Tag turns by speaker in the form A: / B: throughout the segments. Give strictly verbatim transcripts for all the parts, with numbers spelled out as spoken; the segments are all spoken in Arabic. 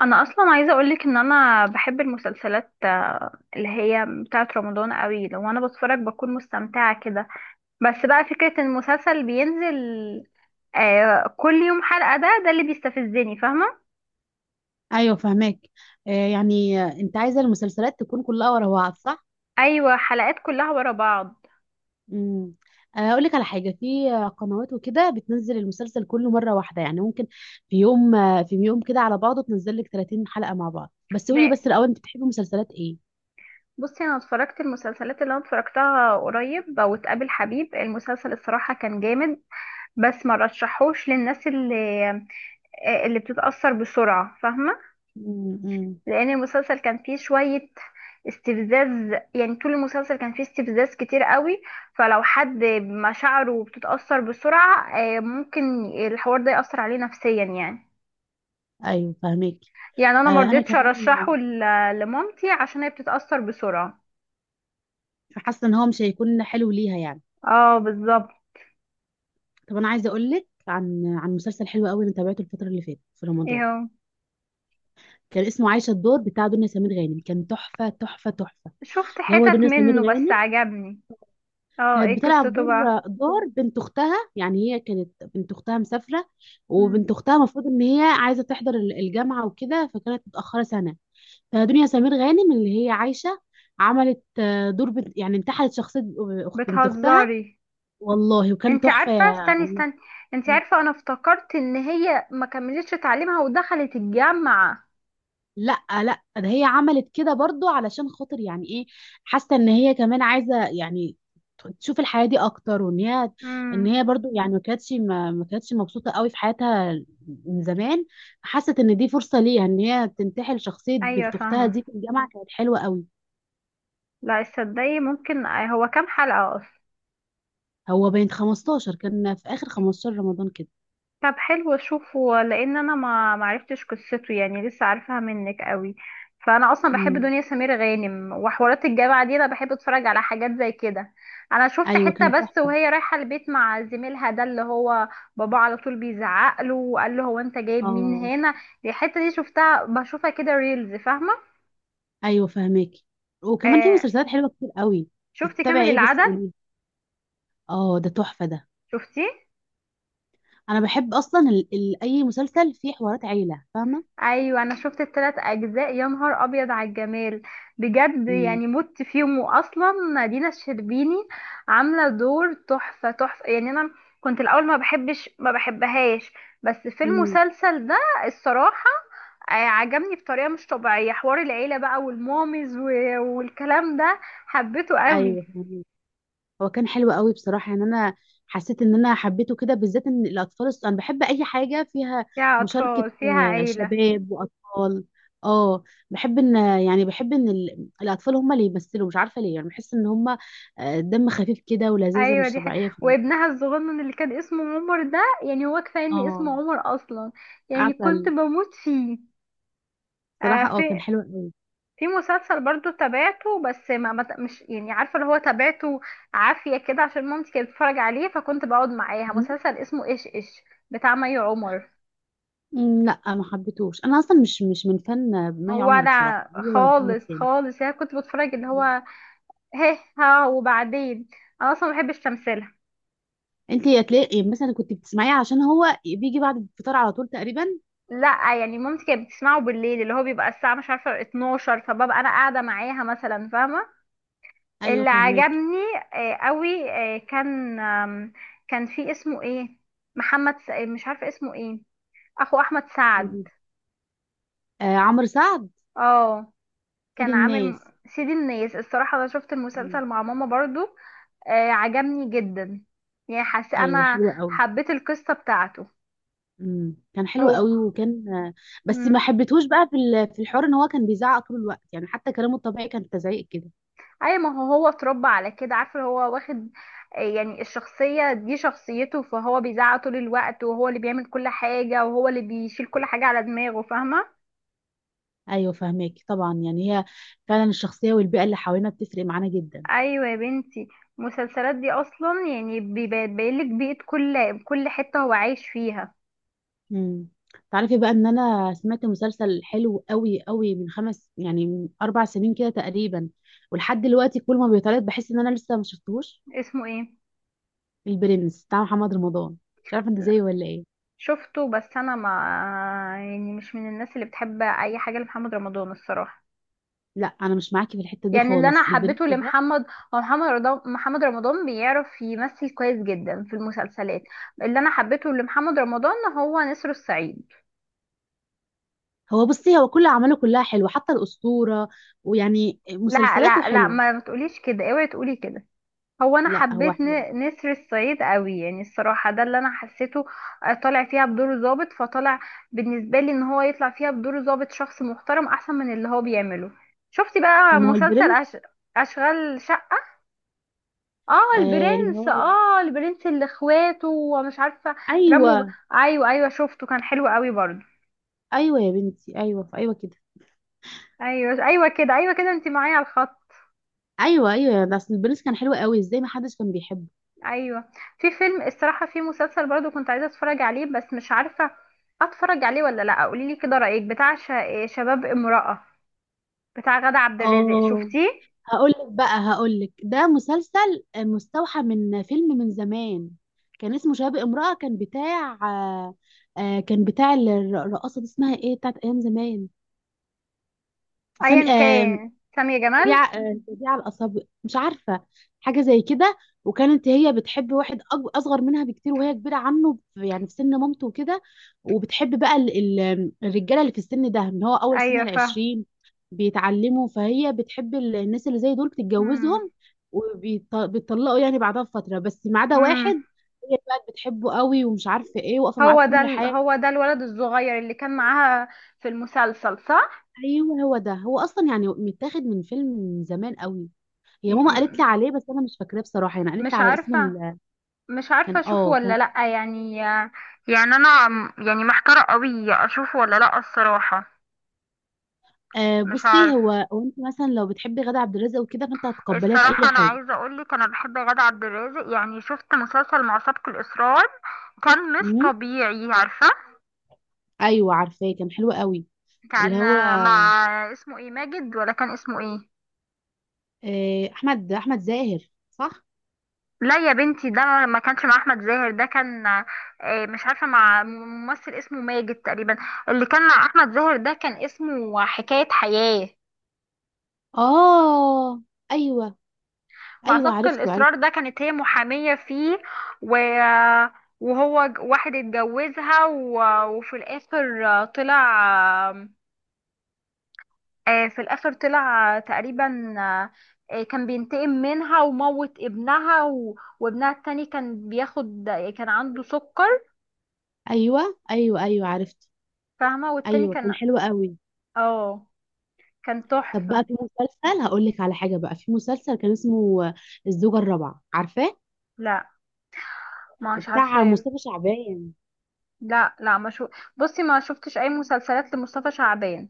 A: انا اصلا عايزه اقولك ان انا بحب المسلسلات، آه، اللي هي بتاعه رمضان قوي. لو انا بتفرج بكون مستمتعه كده. بس بقى فكره ان المسلسل بينزل آه، كل يوم حلقه، ده ده اللي بيستفزني، فاهمه؟
B: ايوه فهماك. آه يعني آه، انت عايزه المسلسلات تكون كلها ورا بعض، صح؟
A: ايوه، حلقات كلها ورا بعض.
B: امم. اقول لك على حاجه في آه، قنوات وكده بتنزل المسلسل كله مره واحده، يعني ممكن في يوم آه، في يوم كده على بعضه تنزل لك ثلاثين حلقه مع بعض. بس قولي
A: ده
B: بس الاول، انت بتحبي مسلسلات ايه؟
A: بصي، انا اتفرجت المسلسلات اللي انا اتفرجتها قريب، واتقابل حبيب المسلسل الصراحه كان جامد. بس ما رشحوش للناس اللي آه، اللي بتتاثر بسرعه، فاهمه؟
B: امم.
A: لان المسلسل كان فيه شوية استفزاز، يعني طول المسلسل كان فيه استفزاز كتير قوي. فلو حد مشاعره بتتأثر بسرعة آه، ممكن الحوار ده يأثر عليه نفسيا يعني.
B: ايوه فهماك.
A: يعني انا
B: آه انا
A: مرضتش
B: كمان
A: ارشحه ل- لمامتي عشان هي بتتأثر بسرعة.
B: حاسه ان هو مش هيكون حلو ليها يعني.
A: اه، بالظبط.
B: طب انا عايزه اقول لك عن عن مسلسل حلو قوي انا تابعته الفتره اللي فاتت في رمضان.
A: ايه هو؟
B: كان اسمه عايشه الدور، بتاع دنيا سمير غانم، كان تحفه تحفه تحفه.
A: شفت
B: اللي هو
A: حتت
B: دنيا سمير
A: منه بس
B: غانم
A: عجبني. اه،
B: كانت
A: ايه
B: بتلعب
A: قصته
B: دور
A: بقى؟
B: دور بنت اختها. يعني هي كانت بنت اختها مسافره،
A: مم.
B: وبنت اختها المفروض ان هي عايزه تحضر ال- الجامعه وكده، فكانت متاخره سنه. فدنيا سمير غانم اللي هي عايشه عملت آه، دور بنت، يعني انتحلت شخصيه آه، أخت- بنت اختها.
A: بتهزري؟
B: والله وكان
A: انت
B: تحفه
A: عارفة؟ استني
B: يعني.
A: استني، انت عارفة انا افتكرت ان هي ما كملتش تعليمها ودخلت الجامعة.
B: لا لا، ده هي عملت كده برضو علشان خاطر يعني ايه، حاسه ان هي كمان عايزه يعني تشوف الحياه دي اكتر، وان هي ان
A: امم،
B: هي برضو يعني ما كانتش ما, ما كانتش مبسوطه قوي في حياتها من زمان. حست ان دي فرصه ليها ان هي تنتحل شخصيه
A: ايوه،
B: بنت اختها
A: فاهمة.
B: دي في الجامعه. كانت حلوه قوي.
A: لا تصدقي، ممكن هو كام حلقة؟
B: هو بين خمستاشر، كان في اخر خمسة عشر رمضان كده.
A: طب حلو اشوفه، لان انا ما معرفتش قصته يعني، لسه عارفاها منك قوي. فانا اصلا بحب
B: امم.
A: دنيا سمير غانم، وحوارات الجامعه دي انا بحب اتفرج على حاجات زي كده. انا شفت
B: ايوه
A: حته
B: كان
A: بس
B: تحفه.
A: وهي رايحه البيت مع زميلها، ده اللي هو بابا على طول بيزعق له وقال له، هو انت جايب مين
B: اه،
A: هنا؟ دي الحته دي شفتها، بشوفها كده ريلز، فاهمه؟
B: ايوه فهماكي. وكمان في
A: آه.
B: مسلسلات حلوه كتير قوي.
A: شفت
B: تتابعي
A: كامل
B: ايه بس
A: العدد؟
B: قولي. اه، ده تحفه ده.
A: شفتيه؟
B: انا بحب اصلا ال... ال... اي مسلسل فيه حوارات عيله فاهمه.
A: ايوه، انا شفت الثلاث اجزاء، يا نهار ابيض على الجمال! بجد
B: امم.
A: يعني مت فيهم. واصلا دينا الشربيني عامله دور تحفه تحفه، يعني انا كنت الاول ما بحبش ما بحبهاش، بس في
B: امم.
A: المسلسل ده الصراحه آه، عجبني بطريقه مش طبيعيه. حوار العيله بقى والمامز و- والكلام ده، حبيته قوي.
B: ايوه فاهمة. هو كان حلو قوي بصراحه. يعني انا حسيت ان انا حبيته كده، بالذات ان الاطفال الص- انا بحب اي حاجه فيها
A: فيها
B: مشاركه
A: اطفال، فيها
B: آه،
A: عيله.
B: شباب واطفال. اه، بحب ان يعني بحب ان ال... الاطفال هم اللي يمثلوا، مش عارفه ليه. يعني بحس ان هم آه، دم خفيف كده ولذاذه
A: ايوه،
B: مش
A: دي حاجة.
B: طبيعيه في.
A: وابنها الصغنن اللي كان اسمه عمر ده، يعني هو كفايه ان اسمه
B: اه.
A: عمر اصلا، يعني كنت
B: عسل.
A: بموت فيه. آه
B: بصراحه اه كان
A: في
B: حلو قوي.
A: في مسلسل برضو تابعته، بس ما ما- مش يعني عارفه. اللي هو تابعته عافيه كده عشان مامتي كانت بتتفرج عليه، فكنت بقعد معاها. مسلسل اسمه ايش ايش، بتاع مي عمر.
B: مم، لا ما حبيتهوش، انا اصلا مش مش من فن مي عمر بصراحه،
A: ولا
B: هو ولا محمد
A: خالص
B: سامي.
A: خالص، يعني كنت بتفرج اللي هو هه ها وبعدين. انا اصلا ما بحبش تمثيلها.
B: انت هتلاقي يعني مثلا كنت بتسمعيه عشان هو بيجي بعد الفطار على طول تقريبا.
A: لا، يعني مامتي كانت بتسمعه بالليل، اللي هو بيبقى الساعة مش عارفة اتناشر، فببقى أنا قاعدة معاها مثلا، فاهمة؟
B: ايوه
A: اللي
B: فهماك.
A: عجبني آه، قوي آه، كان آم، كان في اسمه ايه؟ محمد س... آه، مش عارفة اسمه ايه. أخو أحمد
B: قولي.
A: سعد.
B: آه عمرو سعد.
A: اه.
B: سيد
A: كان عامل م-
B: الناس.
A: سيد الناس. الصراحة أنا شفت
B: مم.
A: المسلسل مع ماما برضو، آه، عجبني جدا. يعني حاسة
B: ايوه
A: أنا
B: حلو قوي.
A: حبيت القصة بتاعته.
B: مم. كان حلو قوي، وكان آه، بس
A: هو
B: ما حبيتهوش بقى في ال- في الحوار ان هو كان بيزعق طول الوقت، يعني حتى كلامه الطبيعي كان تزعيق كده.
A: اي ما هو هو اتربى على كده، عارفه؟ هو واخد آه، يعني الشخصيه دي شخصيته، فهو بيزعق طول الوقت، وهو اللي بيعمل كل حاجه، وهو اللي بيشيل كل حاجه على دماغه، فاهمه؟
B: ايوه فهماك طبعا. يعني هي فعلا الشخصيه والبيئه اللي حوالينا بتفرق معانا جدا.
A: ايوه يا بنتي، المسلسلات دي اصلا يعني بيبين لك بيئه كل كل حته هو عايش فيها.
B: مم. تعرفي بقى ان انا سمعت مسلسل حلو قوي قوي من خمس، يعني من اربع سنين كده تقريبا، ولحد دلوقتي كل ما بيتعرض بحس ان انا لسه ما شفتهوش.
A: اسمه ايه؟
B: البرنس بتاع محمد رمضان، مش عارفه انت
A: لا،
B: زيي ولا ايه.
A: شفته بس انا ما، يعني مش من الناس اللي بتحب اي حاجه لمحمد رمضان الصراحه.
B: لا انا مش معاكي في الحته دي
A: يعني اللي انا
B: خالص. البرنس
A: حبيته
B: ده،
A: لمحمد هو محمد رضا محمد رمضان بيعرف يمثل كويس جدا في المسلسلات. اللي انا حبيته لمحمد رمضان هو نسر الصعيد.
B: هو بصي، هو كل اعماله كلها حلوه، حتى الاسطوره، ويعني
A: لا
B: مسلسلاته
A: لا لا،
B: حلوه.
A: ما ما تقوليش كده، اوعي تقولي كده. هو انا
B: لا هو
A: حبيت
B: حلو.
A: ن- نسر الصعيد قوي، يعني الصراحه ده اللي انا حسيته. آه، طالع فيها بدور ظابط، فطالع بالنسبه لي ان هو يطلع فيها بدور ظابط شخص محترم احسن من اللي هو بيعمله. شفتي
B: طب
A: بقى
B: ما هو
A: مسلسل
B: البرنس.
A: أش... اشغال شقه؟ اه
B: آه، اللي
A: البرنس
B: هو،
A: اه البرنس اللي اخواته ومش عارفه رموا ب...
B: ايوه.
A: ايوه ايوه، شفته، كان حلو قوي برضو.
B: ايوه يا بنتي، ايوه ايوه كده،
A: ايوه ايوه كده، ايوه كده، انت معايا على الخط؟
B: ايوه ايوه، ده اصل البرنس كان حلو قوي، ازاي ما حدش كان بيحبه؟
A: ايوه. في فيلم الصراحه في مسلسل برضو كنت عايزه اتفرج عليه، بس مش عارفه اتفرج عليه ولا لا. قولي لي كده رايك، بتاع ش- شباب امراه، بتاع غادة عبد الرازق،
B: اه.
A: شفتيه؟
B: هقولك بقى، هقولك ده مسلسل مستوحى من فيلم من زمان. كان اسمه شباب امرأة. كان بتاع آه، آه، كان بتاع الر- الرقاصة دي، اسمها ايه، بتاعت ايام زمان، سامي
A: ايا
B: آه،
A: كان، سامية جمال.
B: سريعة آه، سريعة الأصابع، مش عارفة، حاجة زي كده. وكانت هي بتحب واحد أج- أصغر منها بكتير، وهي كبيرة عنه في- يعني في سن مامته وكده. وبتحب بقى ال- ال- الرجالة اللي في السن ده، اللي هو أول سن
A: ايوه فاهم.
B: العشرين بيتعلموا. فهي بتحب ال- الناس اللي زي دول بتتجوزهم
A: امم
B: وبيطلقوا يعني بعدها بفترة، بس ما عدا
A: امم
B: واحد. هي بقى بتحبه قوي ومش عارفة ايه، واقفة معاه
A: هو
B: في
A: ده
B: كل
A: ال...
B: حاجة.
A: هو ده الولد الصغير اللي كان معاها في المسلسل؟
B: ايوه هو ده، هو اصلا يعني متاخد من فيلم من زمان قوي.
A: صح.
B: هي ماما قالت لي عليه بس انا مش فاكراه بصراحه، يعني قالت لي
A: مش
B: على اسم
A: عارفة
B: ال...
A: مش عارفة
B: كان
A: اشوفه
B: اه كان
A: ولا لأ يعني. يعني انا م- يعني محتارة قوي اشوفه ولا لأ الصراحة.
B: آه
A: مش
B: بصي،
A: عارف.
B: هو هو انت مثلا لو بتحبي غادة عبد الرازق وكده فانت هتقبليها في
A: الصراحة
B: اي
A: أنا
B: حاجه.
A: عايزة أقولك أنا بحب غادة عبد الرازق، يعني شفت مسلسل مع سابق الإصرار، كان مش
B: امم.
A: طبيعي، عارفة؟
B: ايوه عارفاه، كان حلو قوي. اللي
A: كان
B: هو
A: مع اسمه ايه؟ ماجد ولا كان اسمه ايه؟
B: آه احمد احمد زاهر صح.
A: لا يا بنتي، ده ما كانش مع أحمد زاهر، ده كان آه، مش عارفة، مع ممثل اسمه ماجد تقريبا. اللي كان مع أحمد زاهر ده كان اسمه حكاية حياة.
B: اه. ايوه،
A: مع
B: ايوه
A: سبق
B: عرفته عرفت.
A: الإصرار ده كانت هي محامية فيه. و... وهو ج- واحد اتجوزها و... وفي الآخر آه، طلع آه، في الآخر طلع آه، تقريبا آه، آه، كان بينتقم منها، وموت ابنها، و... وابنها التاني كان بياخد، كان عنده سكر،
B: ايوه ايوه ايوه عرفته.
A: فاهمة؟ والتاني
B: ايوه كان
A: كان
B: حلو قوي.
A: اه كان
B: طب
A: تحفة.
B: بقى في مسلسل، هقول لك على حاجه، بقى في مسلسل كان اسمه آه، الزوجه الرابعه، عارفاه؟
A: لا، مش
B: بتاع
A: عارفة.
B: مصطفى شعبان.
A: لا لا ما شو بصي، ما شفتش أي مسلسلات لمصطفى شعبان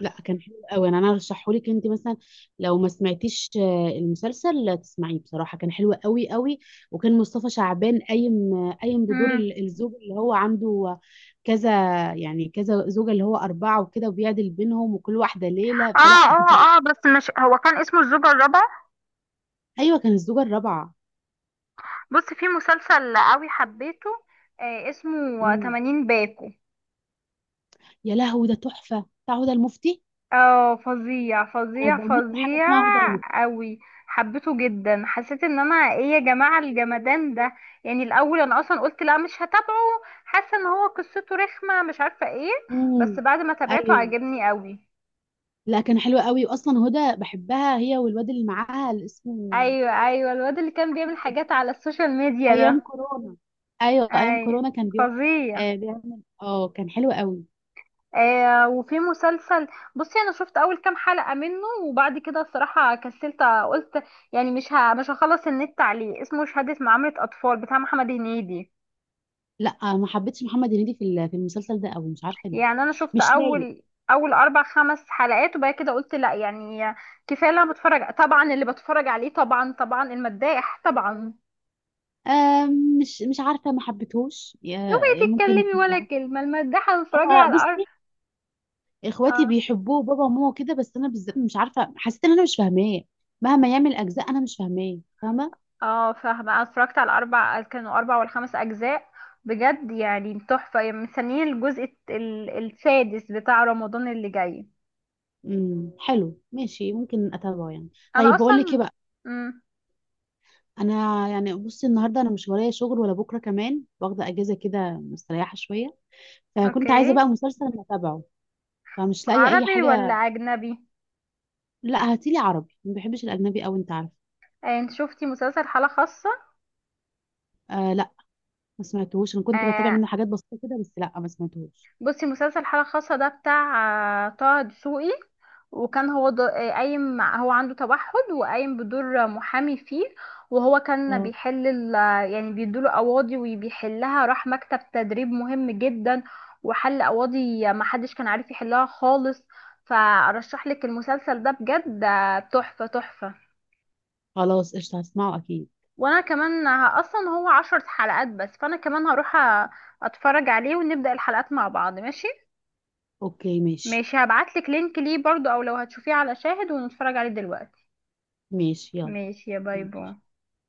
B: لا كان حلو قوي، انا انا ارشحه لك انت مثلا، لو ما سمعتيش آه، المسلسل لا تسمعيه، بصراحه كان حلو قوي قوي. وكان مصطفى شعبان قايم آه، قايم بدور
A: مم.
B: ال- الزوج اللي هو عنده كذا، يعني كذا زوجه، اللي هو اربعه وكده، وبيعدل بينهم وكل واحده ليله،
A: اه
B: فلا كان-
A: اه اه، بس مش هو كان اسمه الزوجة الرابعة؟
B: ايوه كان الزوجه الرابعه.
A: بص، في مسلسل قوي حبيته، آه اسمه
B: امم.
A: ثمانين باكو.
B: يا لهوي، ده تحفه، بتاع هدى المفتي.
A: اه، فظيع
B: انا
A: فظيع
B: بموت في حاجه
A: فظيع
B: اسمها هدى المفتي.
A: قوي، حبيته جدا. حسيت ان انا، ايه يا جماعة الجمدان ده، يعني الاول انا اصلا قلت لا مش هتابعه، حاسة ان هو قصته رخمة، مش عارفة ايه.
B: امم.
A: بس بعد ما تابعته
B: ايوه.
A: عجبني قوي.
B: لا كان حلو قوي، واصلا هدى بحبها، هي والواد اللي معاها اللي اسمه.
A: ايوه ايوه، الواد اللي كان بيعمل حاجات على السوشيال ميديا
B: ايام
A: ده.
B: كورونا. ايوه ايام
A: ايوه،
B: كورونا كان بيقعد.
A: فظيع.
B: آه بيعمل اه كان حلو قوي.
A: آه وفي مسلسل، بصي انا شفت اول كام حلقة منه، وبعد كده الصراحة كسلت قلت، يعني مش ه... مش هخلص النت عليه. اسمه شهادة معاملة اطفال، بتاع محمد هنيدي.
B: لا ما حبيتش محمد هنيدي في ال- في المسلسل ده قوي، مش عارفه ليه.
A: يعني انا شفت
B: مش لايق.
A: اول اول اربع خمس حلقات، وبعد كده قلت لا يعني كفاية. اللي انا بتفرج، طبعا اللي بتفرج عليه طبعا، طبعا المداح طبعا.
B: آه مش مش عارفه، ما حبيتهوش،
A: اوعي
B: يا- ممكن.
A: تتكلمي ولا كلمة، المداحة بتتفرجي على
B: هو
A: الارض.
B: بصي، اخواتي
A: آه.
B: بيحبوه، بابا وماما كده، بس انا بالذات مش عارفه، حسيت ان انا مش فاهماه. مهما يعمل اجزاء انا مش فاهماه فاهمه.
A: اه فاهمة. انا اتفرجت على اربع، كانوا اربع ولا خمس اجزاء. بجد يعني تحفة، يعني مستنيين الجزء الت- ال- السادس بتاع رمضان اللي جاي.
B: امم. حلو، ماشي، ممكن اتابعه يعني.
A: انا
B: طيب بقول لك ايه
A: اصلا.
B: بقى.
A: امم.
B: انا يعني بصي، النهارده انا مش ورايا شغل ولا بكره، كمان واخده اجازه كده، مستريحه شويه. فكنت
A: اوكي.
B: عايزه بقى مسلسل انا اتابعه. فمش لاقيه اي
A: عربي ولا
B: حاجه.
A: اجنبي؟
B: لا هاتيلي عربي، ما بحبش الاجنبي قوي، انت عارف.
A: آه، انت شفتي مسلسل حالة خاصة؟
B: آه لا، ما سمعتهوش، انا كنت بتابع
A: آه
B: منه حاجات بسيطه كده بس، لا ما سمعتهوش.
A: بصي، مسلسل حالة خاصة ده بتاع آه، طه دسوقي. وكان هو ض- آه، قايم مع- هو عنده توحد، وقايم بدور محامي فيه. وهو كان
B: اه
A: بيحل ال- آه، يعني بيدوله قواضي وبيحلها. راح مكتب تدريب مهم جدا، وحل قواضي ما حدش كان عارف يحلها خالص. فارشح لك المسلسل ده بجد، آه، تحفة تحفة.
B: خلاص قشطه، هسمعه اكيد.
A: وانا كمان ه- اصلا هو عشر حلقات بس، فانا كمان هروح أ- اتفرج عليه، ونبدأ الحلقات مع بعض، ماشي؟
B: اوكي ماشي.
A: ماشي، هبعتلك لينك ليه برضو، او لو هتشوفيه على شاهد ونتفرج عليه دلوقتي.
B: ماشي يلا.
A: ماشي يا، باي باي.
B: ماشي.